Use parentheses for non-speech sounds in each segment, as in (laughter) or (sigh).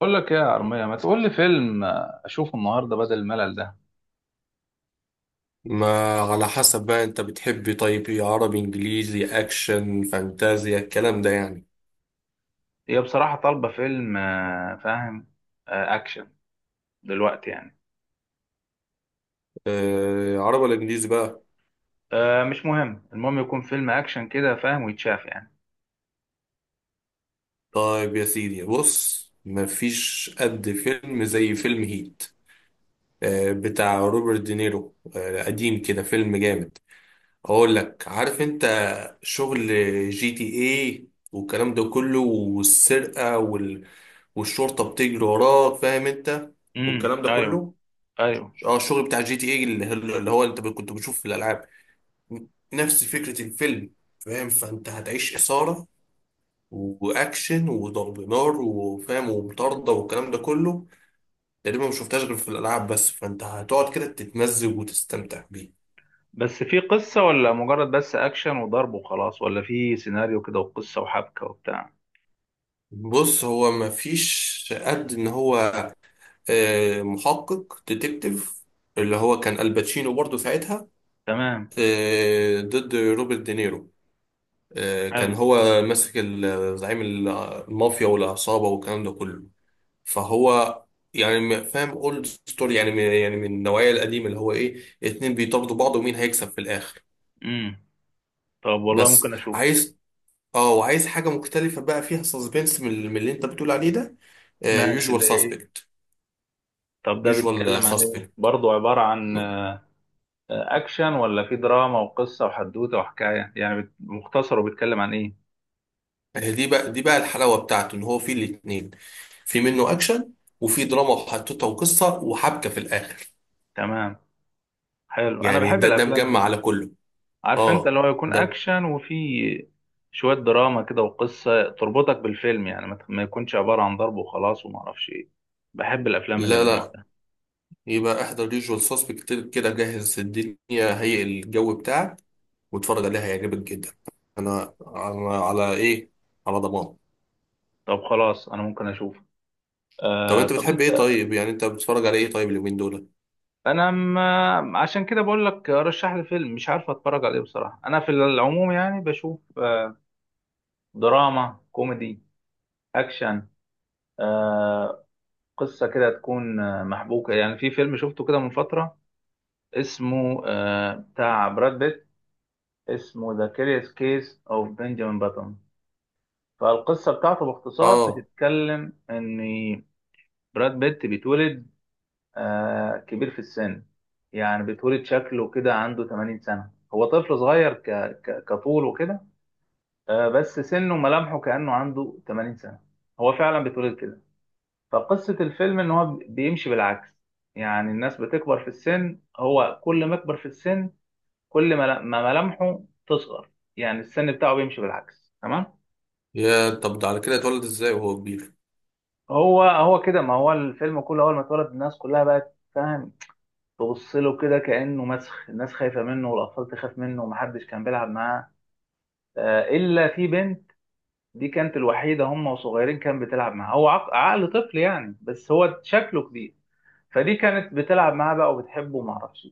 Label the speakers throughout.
Speaker 1: بقول لك ايه يا عرمية، ما تقول لي فيلم، اشوفه النهارده بدل الملل ده.
Speaker 2: ما على حسب بقى، انت بتحب طيب ايه؟ عربي، انجليزي، اكشن، فانتازيا، الكلام ده يعني.
Speaker 1: هي بصراحة طالبة فيلم، فاهم. آه، اكشن. دلوقتي يعني.
Speaker 2: آه عربي ولا انجليزي بقى؟
Speaker 1: آه، مش مهم، المهم يكون فيلم اكشن كده فاهم، ويتشاف يعني.
Speaker 2: طيب يا سيدي بص، مفيش قد فيلم زي فيلم هيت. آه بتاع روبرت دينيرو، آه قديم كده، فيلم جامد. اقول لك، عارف انت شغل جي تي ايه والكلام ده كله، والسرقة وال... والشرطة بتجري وراك، فاهم انت؟ والكلام ده
Speaker 1: ايوه.
Speaker 2: كله.
Speaker 1: ايوه،
Speaker 2: اه الشغل بتاع جي تي اي، اللي هو انت كنت بتشوف في الالعاب، نفس فكره الفيلم، فاهم؟ فانت هتعيش اثاره واكشن وضرب نار، وفاهم، ومطارده والكلام ده كله. تقريبا ما شفتهاش غير في الالعاب بس، فانت هتقعد كده تتمزج وتستمتع بيه.
Speaker 1: بس في قصة ولا مجرد بس اكشن وضرب وخلاص، ولا في سيناريو كده وقصة وحبكة وبتاع؟
Speaker 2: بص، هو ما فيش قد ان هو محقق ديتكتيف اللي هو كان الباتشينو برضه ساعتها،
Speaker 1: تمام.
Speaker 2: ضد روبرت دينيرو. كان
Speaker 1: حلو.
Speaker 2: هو ماسك زعيم المافيا والعصابة والكلام ده كله. فهو يعني فاهم، اولد ستوري يعني، من يعني من النوعية القديمة اللي هو ايه، اتنين بيطاردوا بعض ومين هيكسب في الآخر.
Speaker 1: امم. طب والله
Speaker 2: بس
Speaker 1: ممكن اشوف.
Speaker 2: عايز، اه وعايز حاجة مختلفة بقى فيها سسبنس، من اللي انت بتقول عليه ده،
Speaker 1: ماشي،
Speaker 2: يوجوال
Speaker 1: زي ايه؟
Speaker 2: ساسبكت.
Speaker 1: طب ده
Speaker 2: يوجوال
Speaker 1: بيتكلم عن ايه
Speaker 2: ساسبكت
Speaker 1: برضه؟ عبارة عن اكشن، ولا في دراما وقصه وحدوته وحكايه، يعني مختصر، وبيتكلم عن ايه؟
Speaker 2: دي بقى، دي بقى الحلاوه بتاعته، ان هو فيه الاثنين. في منه اكشن، وفي دراما وحطتها وقصه وحبكه في الاخر.
Speaker 1: تمام. حلو، انا
Speaker 2: يعني
Speaker 1: بحب
Speaker 2: ده، ده
Speaker 1: الافلام
Speaker 2: مجمع
Speaker 1: دي،
Speaker 2: على كله.
Speaker 1: عارف انت؟
Speaker 2: اه
Speaker 1: اللي هو يكون
Speaker 2: ده.
Speaker 1: اكشن، وفي شويه دراما كده وقصه تربطك بالفيلم، يعني ما يكونش عباره عن ضرب وخلاص وما اعرفش ايه. بحب الافلام اللي من
Speaker 2: لا
Speaker 1: النوع
Speaker 2: لا،
Speaker 1: ده.
Speaker 2: يبقى احضر يوجوال سسبكت كده، جهز الدنيا، هيئ الجو بتاعك واتفرج عليها، هيعجبك جدا. انا على، على ايه، على ضمان.
Speaker 1: طب خلاص، انا ممكن اشوف.
Speaker 2: طب
Speaker 1: آه،
Speaker 2: انت
Speaker 1: طب
Speaker 2: بتحب
Speaker 1: انت.
Speaker 2: ايه طيب؟ يعني انت بتتفرج على ايه طيب اليومين دول؟
Speaker 1: انا ما عشان كده بقول لك رشح لي فيلم، مش عارف اتفرج عليه بصراحه. انا في العموم يعني بشوف دراما كوميدي، اكشن، آه، قصة كده تكون محبوكة. يعني في فيلم شفته كده من فترة، اسمه بتاع براد بيت. اسمه ذا كيريوس كيس اوف بنجامين باتون. فالقصة بتاعته باختصار
Speaker 2: اه.
Speaker 1: بتتكلم ان براد بيت بيتولد كبير في السن. يعني بيتولد شكله كده عنده 80 سنة، هو طفل صغير كطول وكده، بس سنه وملامحه كأنه عنده 80 سنة. هو فعلا بيتولد كده. فقصة الفيلم إن هو بيمشي بالعكس. يعني الناس بتكبر في السن، هو كل ما يكبر في السن، كل ما ملامحه تصغر. يعني السن بتاعه بيمشي بالعكس. تمام.
Speaker 2: يا طب ده على كده اتولد ازاي وهو كبير؟
Speaker 1: هو كده، ما هو الفيلم كله أول ما اتولد الناس كلها بقت فاهم. تبص له كده كأنه مسخ، الناس خايفة منه والأطفال تخاف منه، ومحدش كان بيلعب معاه إلا في بنت. دي كانت الوحيدة، هم وصغيرين كان بتلعب معاها، هو عقل طفل يعني، بس هو شكله كبير. فدي كانت بتلعب معاه بقى وبتحبه ومعرفش.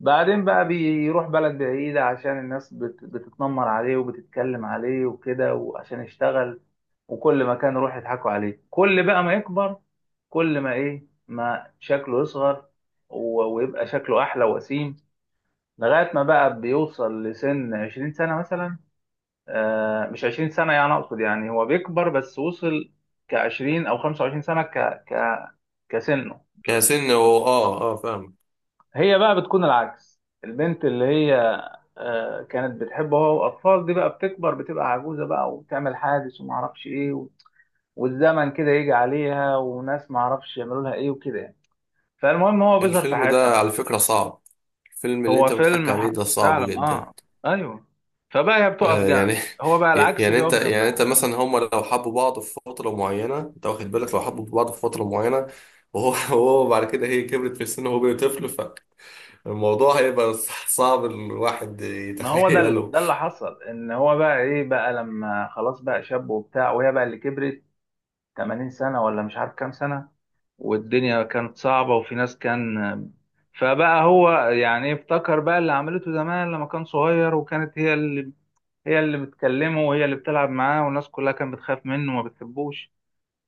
Speaker 1: بعدين بقى بيروح بلد بعيدة، عشان الناس بتتنمر عليه وبتتكلم عليه وكده، وعشان يشتغل. وكل ما كان يروح يضحكوا عليه، كل بقى ما يكبر كل ما ايه ما شكله يصغر ويبقى شكله أحلى وسيم. لغاية ما بقى بيوصل لسن 20 سنة مثلا. مش 20 سنة يعني، أقصد يعني هو بيكبر بس وصل كعشرين أو 25 سنة ك... كسنه.
Speaker 2: كسن هو، اه اه، فاهم.
Speaker 1: هي بقى بتكون العكس، البنت اللي هي كانت بتحبه هو واطفال، دي بقى بتكبر بتبقى عجوزه بقى وبتعمل حادث وما اعرفش ايه والزمن كده يجي عليها، وناس ما اعرفش يعملوا لها ايه وكده يعني. فالمهم هو بيظهر في
Speaker 2: الفيلم
Speaker 1: حياتها
Speaker 2: ده
Speaker 1: بقى.
Speaker 2: على فكرة صعب، الفيلم اللي
Speaker 1: هو
Speaker 2: انت بتحكي
Speaker 1: فيلم
Speaker 2: عليه ده صعب
Speaker 1: فعلا
Speaker 2: جدا.
Speaker 1: اه. ايوه. فبقى هي بتقف جنب،
Speaker 2: يعني،
Speaker 1: هو بقى
Speaker 2: (laughs)
Speaker 1: العكس
Speaker 2: يعني انت،
Speaker 1: بيقف
Speaker 2: يعني انت
Speaker 1: جنبها.
Speaker 2: مثلا، هما لو حبوا بعض في فترة معينة، انت واخد بالك لو حبوا بعض في فترة معينة، وهو (laughs) وهو بعد كده هي كبرت في السن وهو بقى طفل، فالموضوع هيبقى صعب الواحد
Speaker 1: ما هو
Speaker 2: يتخيله.
Speaker 1: ده اللي حصل، ان هو بقى ايه بقى لما خلاص بقى شاب وبتاع، وهي بقى اللي كبرت 80 سنه ولا مش عارف كام سنه، والدنيا كانت صعبة وفي ناس كان. فبقى هو يعني افتكر بقى اللي عملته زمان لما كان صغير، وكانت هي اللي بتكلمه، وهي اللي بتلعب معاه، والناس كلها كانت بتخاف منه وما بتحبوش.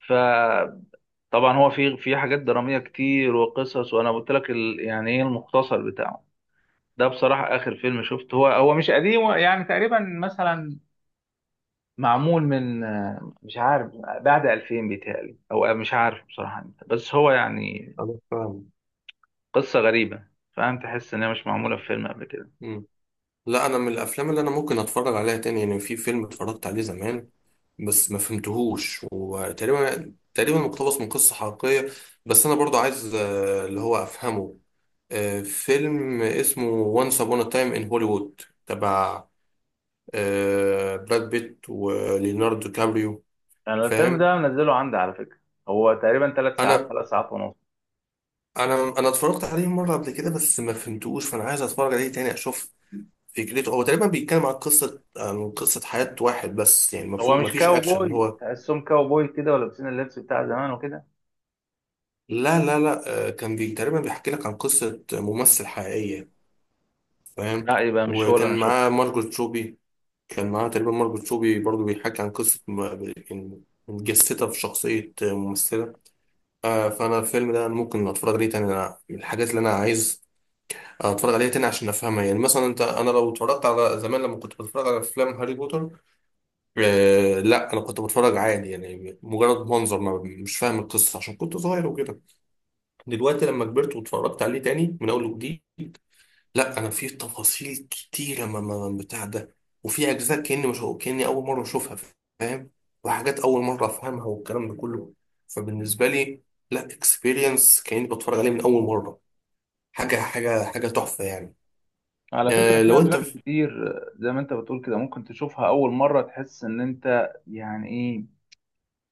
Speaker 1: فطبعا هو في حاجات درامية كتير وقصص، وانا قلت لك يعني ايه المختصر بتاعه. ده بصراحة آخر فيلم شفته، هو مش قديم، هو يعني تقريبا مثلا معمول من، مش عارف، بعد 2000 بيتهيألي، أو مش عارف بصراحة إمتى. بس هو يعني
Speaker 2: (laughs) انا فاهم.
Speaker 1: قصة غريبة، فاهم؟ تحس إن هي مش معمولة في فيلم قبل كده.
Speaker 2: لا انا من الافلام اللي انا ممكن اتفرج عليها تاني، يعني في فيلم اتفرجت عليه زمان بس ما فهمتهوش، وتقريبا تقريبا مقتبس من قصة حقيقية. بس انا برضو عايز اللي هو افهمه، فيلم اسمه وانس ابون ا تايم ان هوليوود، تبع براد بيت وليوناردو كابريو،
Speaker 1: أنا الفيلم
Speaker 2: فاهم.
Speaker 1: ده منزله عندي على فكرة. هو تقريبا تلات ساعات،
Speaker 2: انا
Speaker 1: ثلاث ساعات ونص.
Speaker 2: انا اتفرجت عليه مرة قبل كده بس ما فهمتهوش، فانا عايز اتفرج عليه تاني اشوف فكرته. هو تقريبا بيتكلم عن قصة، عن قصة حياة واحد بس، يعني
Speaker 1: هو
Speaker 2: مفهوم
Speaker 1: مش
Speaker 2: مفيش أكشن
Speaker 1: كاوبوي،
Speaker 2: هو.
Speaker 1: تحسهم كاوبوي كده ولابسين اللبس بتاع زمان وكده.
Speaker 2: لا، كان بي تقريبا بيحكي لك عن قصة ممثل حقيقية، فاهم.
Speaker 1: لا، يبقى مش هو اللي أنا
Speaker 2: وكان معاه
Speaker 1: شفته.
Speaker 2: مارجوت روبي، كان معاه تقريبا مارجوت روبي برضو، بيحكي عن قصة متجسدة في شخصية ممثلة. فأنا الفيلم ده ممكن أتفرج عليه تاني، أنا من الحاجات اللي أنا عايز أتفرج عليها تاني عشان أفهمها. يعني مثلا أنت، أنا لو اتفرجت على، زمان لما كنت بتفرج على أفلام هاري بوتر، آه لا انا كنت بتفرج عادي، يعني مجرد منظر ما، مش فاهم القصه عشان كنت صغير وكده. دلوقتي لما كبرت واتفرجت عليه تاني من اول وجديد، لا انا في تفاصيل كتيره بتاع ده، وفي اجزاء كاني، مش كاني اول مره اشوفها، فاهم، وحاجات اول مره افهمها والكلام ده كله. فبالنسبه لي، لا اكسبيرينس كاني بتفرج عليه من اول مره، حاجه تحفه يعني.
Speaker 1: على فكرة
Speaker 2: آه
Speaker 1: في
Speaker 2: لو انت.
Speaker 1: أفلام كتير زي ما أنت بتقول كده، ممكن تشوفها أول مرة تحس إن أنت يعني إيه،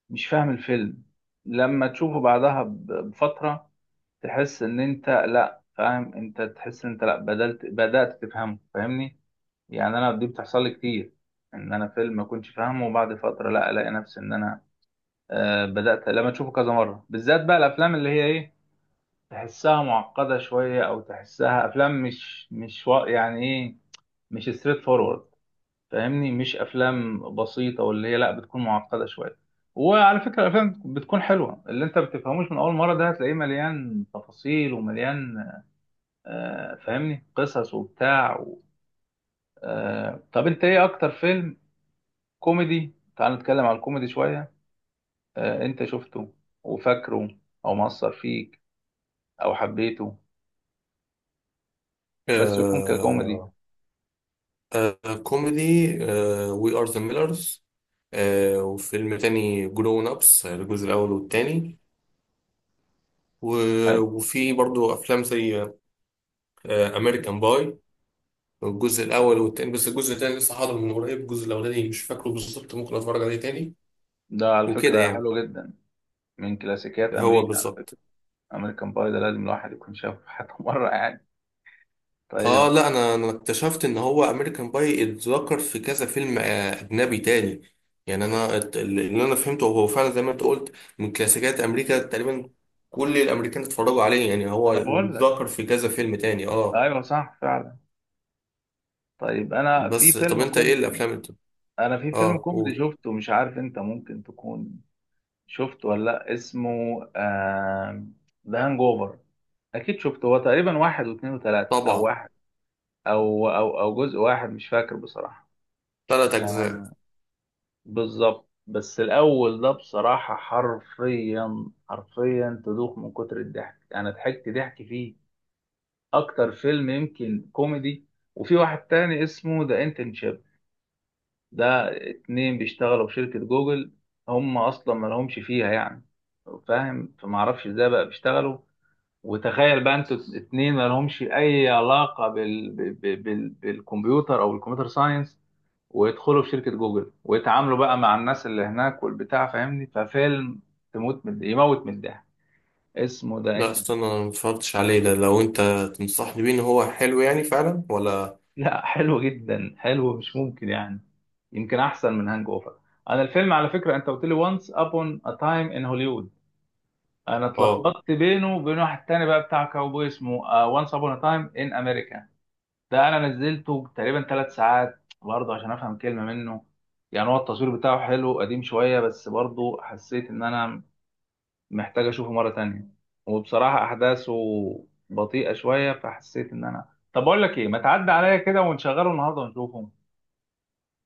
Speaker 1: مش فاهم الفيلم، لما تشوفه بعدها بفترة تحس ان انت لا فاهم، انت تحس ان انت لا بدأت تفهمه، فاهمني؟ يعني انا دي بتحصل لي كتير، ان انا فيلم ما كنتش فاهمه وبعد فترة لا الاقي نفسي ان انا بدأت. لما تشوفه كذا مرة بالذات بقى الافلام اللي هي ايه، تحسها معقدة شوية، او تحسها افلام مش يعني ايه، مش ستريت فورورد، فاهمني؟ مش افلام بسيطة، واللي هي لا بتكون معقدة شوية. وعلى فكرة الأفلام بتكون حلوة اللي أنت بتفهموش من أول مرة، ده هتلاقيه مليان تفاصيل ومليان، فاهمني، قصص وبتاع و... آه، طب انت ايه اكتر فيلم كوميدي؟ تعال نتكلم على الكوميدي شوية. انت شفته وفاكره، او مأثر فيك، او حبيته، بس يكون ككوميدي.
Speaker 2: آه. آه كوميدي. آه وي ار ذا ميلرز، وفيلم تاني جرون أبس الجزء الأول والتاني،
Speaker 1: حلو.
Speaker 2: وفي برضو أفلام زي أمريكان باي الجزء الأول والتاني، بس الجزء التاني لسه حاضر من قريب، الجزء الأولاني مش فاكره بالظبط، ممكن أتفرج عليه تاني،
Speaker 1: ده على
Speaker 2: وكده
Speaker 1: فكرة
Speaker 2: يعني.
Speaker 1: حلو جدا، من كلاسيكيات
Speaker 2: هو
Speaker 1: امريكا على
Speaker 2: بالظبط.
Speaker 1: فكرة. امريكان باي ده لازم الواحد يكون شافه حتى (laughs) مرة يعني. طيب.
Speaker 2: اه لا انا، انا اكتشفت ان هو امريكان باي اتذكر في كذا فيلم اجنبي تاني. يعني انا اللي انا فهمته هو فعلا زي ما انت قلت، من كلاسيكيات امريكا تقريبا، كل الامريكان اتفرجوا عليه يعني هو.
Speaker 1: ما انا بقول لك.
Speaker 2: واتذكر في كذا فيلم تاني، اه.
Speaker 1: ايوه، صح فعلا. طيب.
Speaker 2: بس طب انت ايه الافلام انت؟
Speaker 1: انا في فيلم
Speaker 2: اه
Speaker 1: كوميدي
Speaker 2: قول.
Speaker 1: شفته، مش عارف انت ممكن تكون شفت ولا لأ؟ اسمه ذا هانج اوفر. اكيد شفته، هو تقريبا واحد واثنين وثلاثة، او
Speaker 2: طبعا.
Speaker 1: واحد او جزء واحد مش فاكر بصراحة.
Speaker 2: ثلاث اجزاء.
Speaker 1: آه، بالظبط. بس الاول ده بصراحة حرفيا حرفيا تدوخ من كتر الضحك. انا ضحكت ضحك فيه اكتر فيلم يمكن كوميدي. وفي واحد تاني اسمه ذا انترنشيب. ده اتنين بيشتغلوا في شركة جوجل، هم اصلا ما لهمش فيها يعني، فاهم؟ فما اعرفش ازاي بقى بيشتغلوا. وتخيل بقى انتوا اتنين ما لهمش اي علاقه بالكمبيوتر، او الكمبيوتر ساينس، ويدخلوا في شركه جوجل، ويتعاملوا بقى مع الناس اللي هناك والبتاع، فاهمني؟ ففيلم تموت من يموت من الضحك، اسمه ده
Speaker 2: لا
Speaker 1: انت.
Speaker 2: استنى، انا ما اتفرجتش عليه ده، لو انت تنصحني بيه ان هو حلو يعني فعلا ولا؟
Speaker 1: لا، حلو جدا، حلو مش ممكن يعني، يمكن احسن من هانج اوفر. انا الفيلم على فكره انت قلت لي وانس ابون ا تايم ان هوليوود، انا
Speaker 2: اه
Speaker 1: اتلخبطت بينه وبين واحد تاني بقى بتاع كاوبوي اسمه وانس ابون ا تايم ان امريكا. ده انا نزلته تقريبا ثلاث ساعات برضه عشان افهم كلمه منه. يعني هو التصوير بتاعه حلو، قديم شويه، بس برضه حسيت ان انا محتاج اشوفه مره تانية. وبصراحه احداثه بطيئه شويه، فحسيت ان انا، طب اقول لك ايه، ما تعدي عليا كده ونشغله النهارده ونشوفه.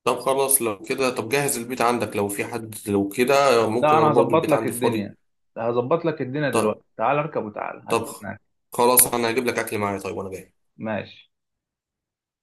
Speaker 2: طب خلاص لو كده، طب جهز البيت عندك لو في حد لو كده،
Speaker 1: لا
Speaker 2: ممكن انا
Speaker 1: انا
Speaker 2: برضو
Speaker 1: هظبط
Speaker 2: البيت
Speaker 1: لك
Speaker 2: عندي فاضي.
Speaker 1: الدنيا، هظبط لك الدنيا دلوقتي،
Speaker 2: طب.
Speaker 1: تعال اركب وتعال
Speaker 2: طب
Speaker 1: هستناك.
Speaker 2: خلاص، انا هجيب لك اكل معايا طيب وانا جاي.
Speaker 1: ماشي.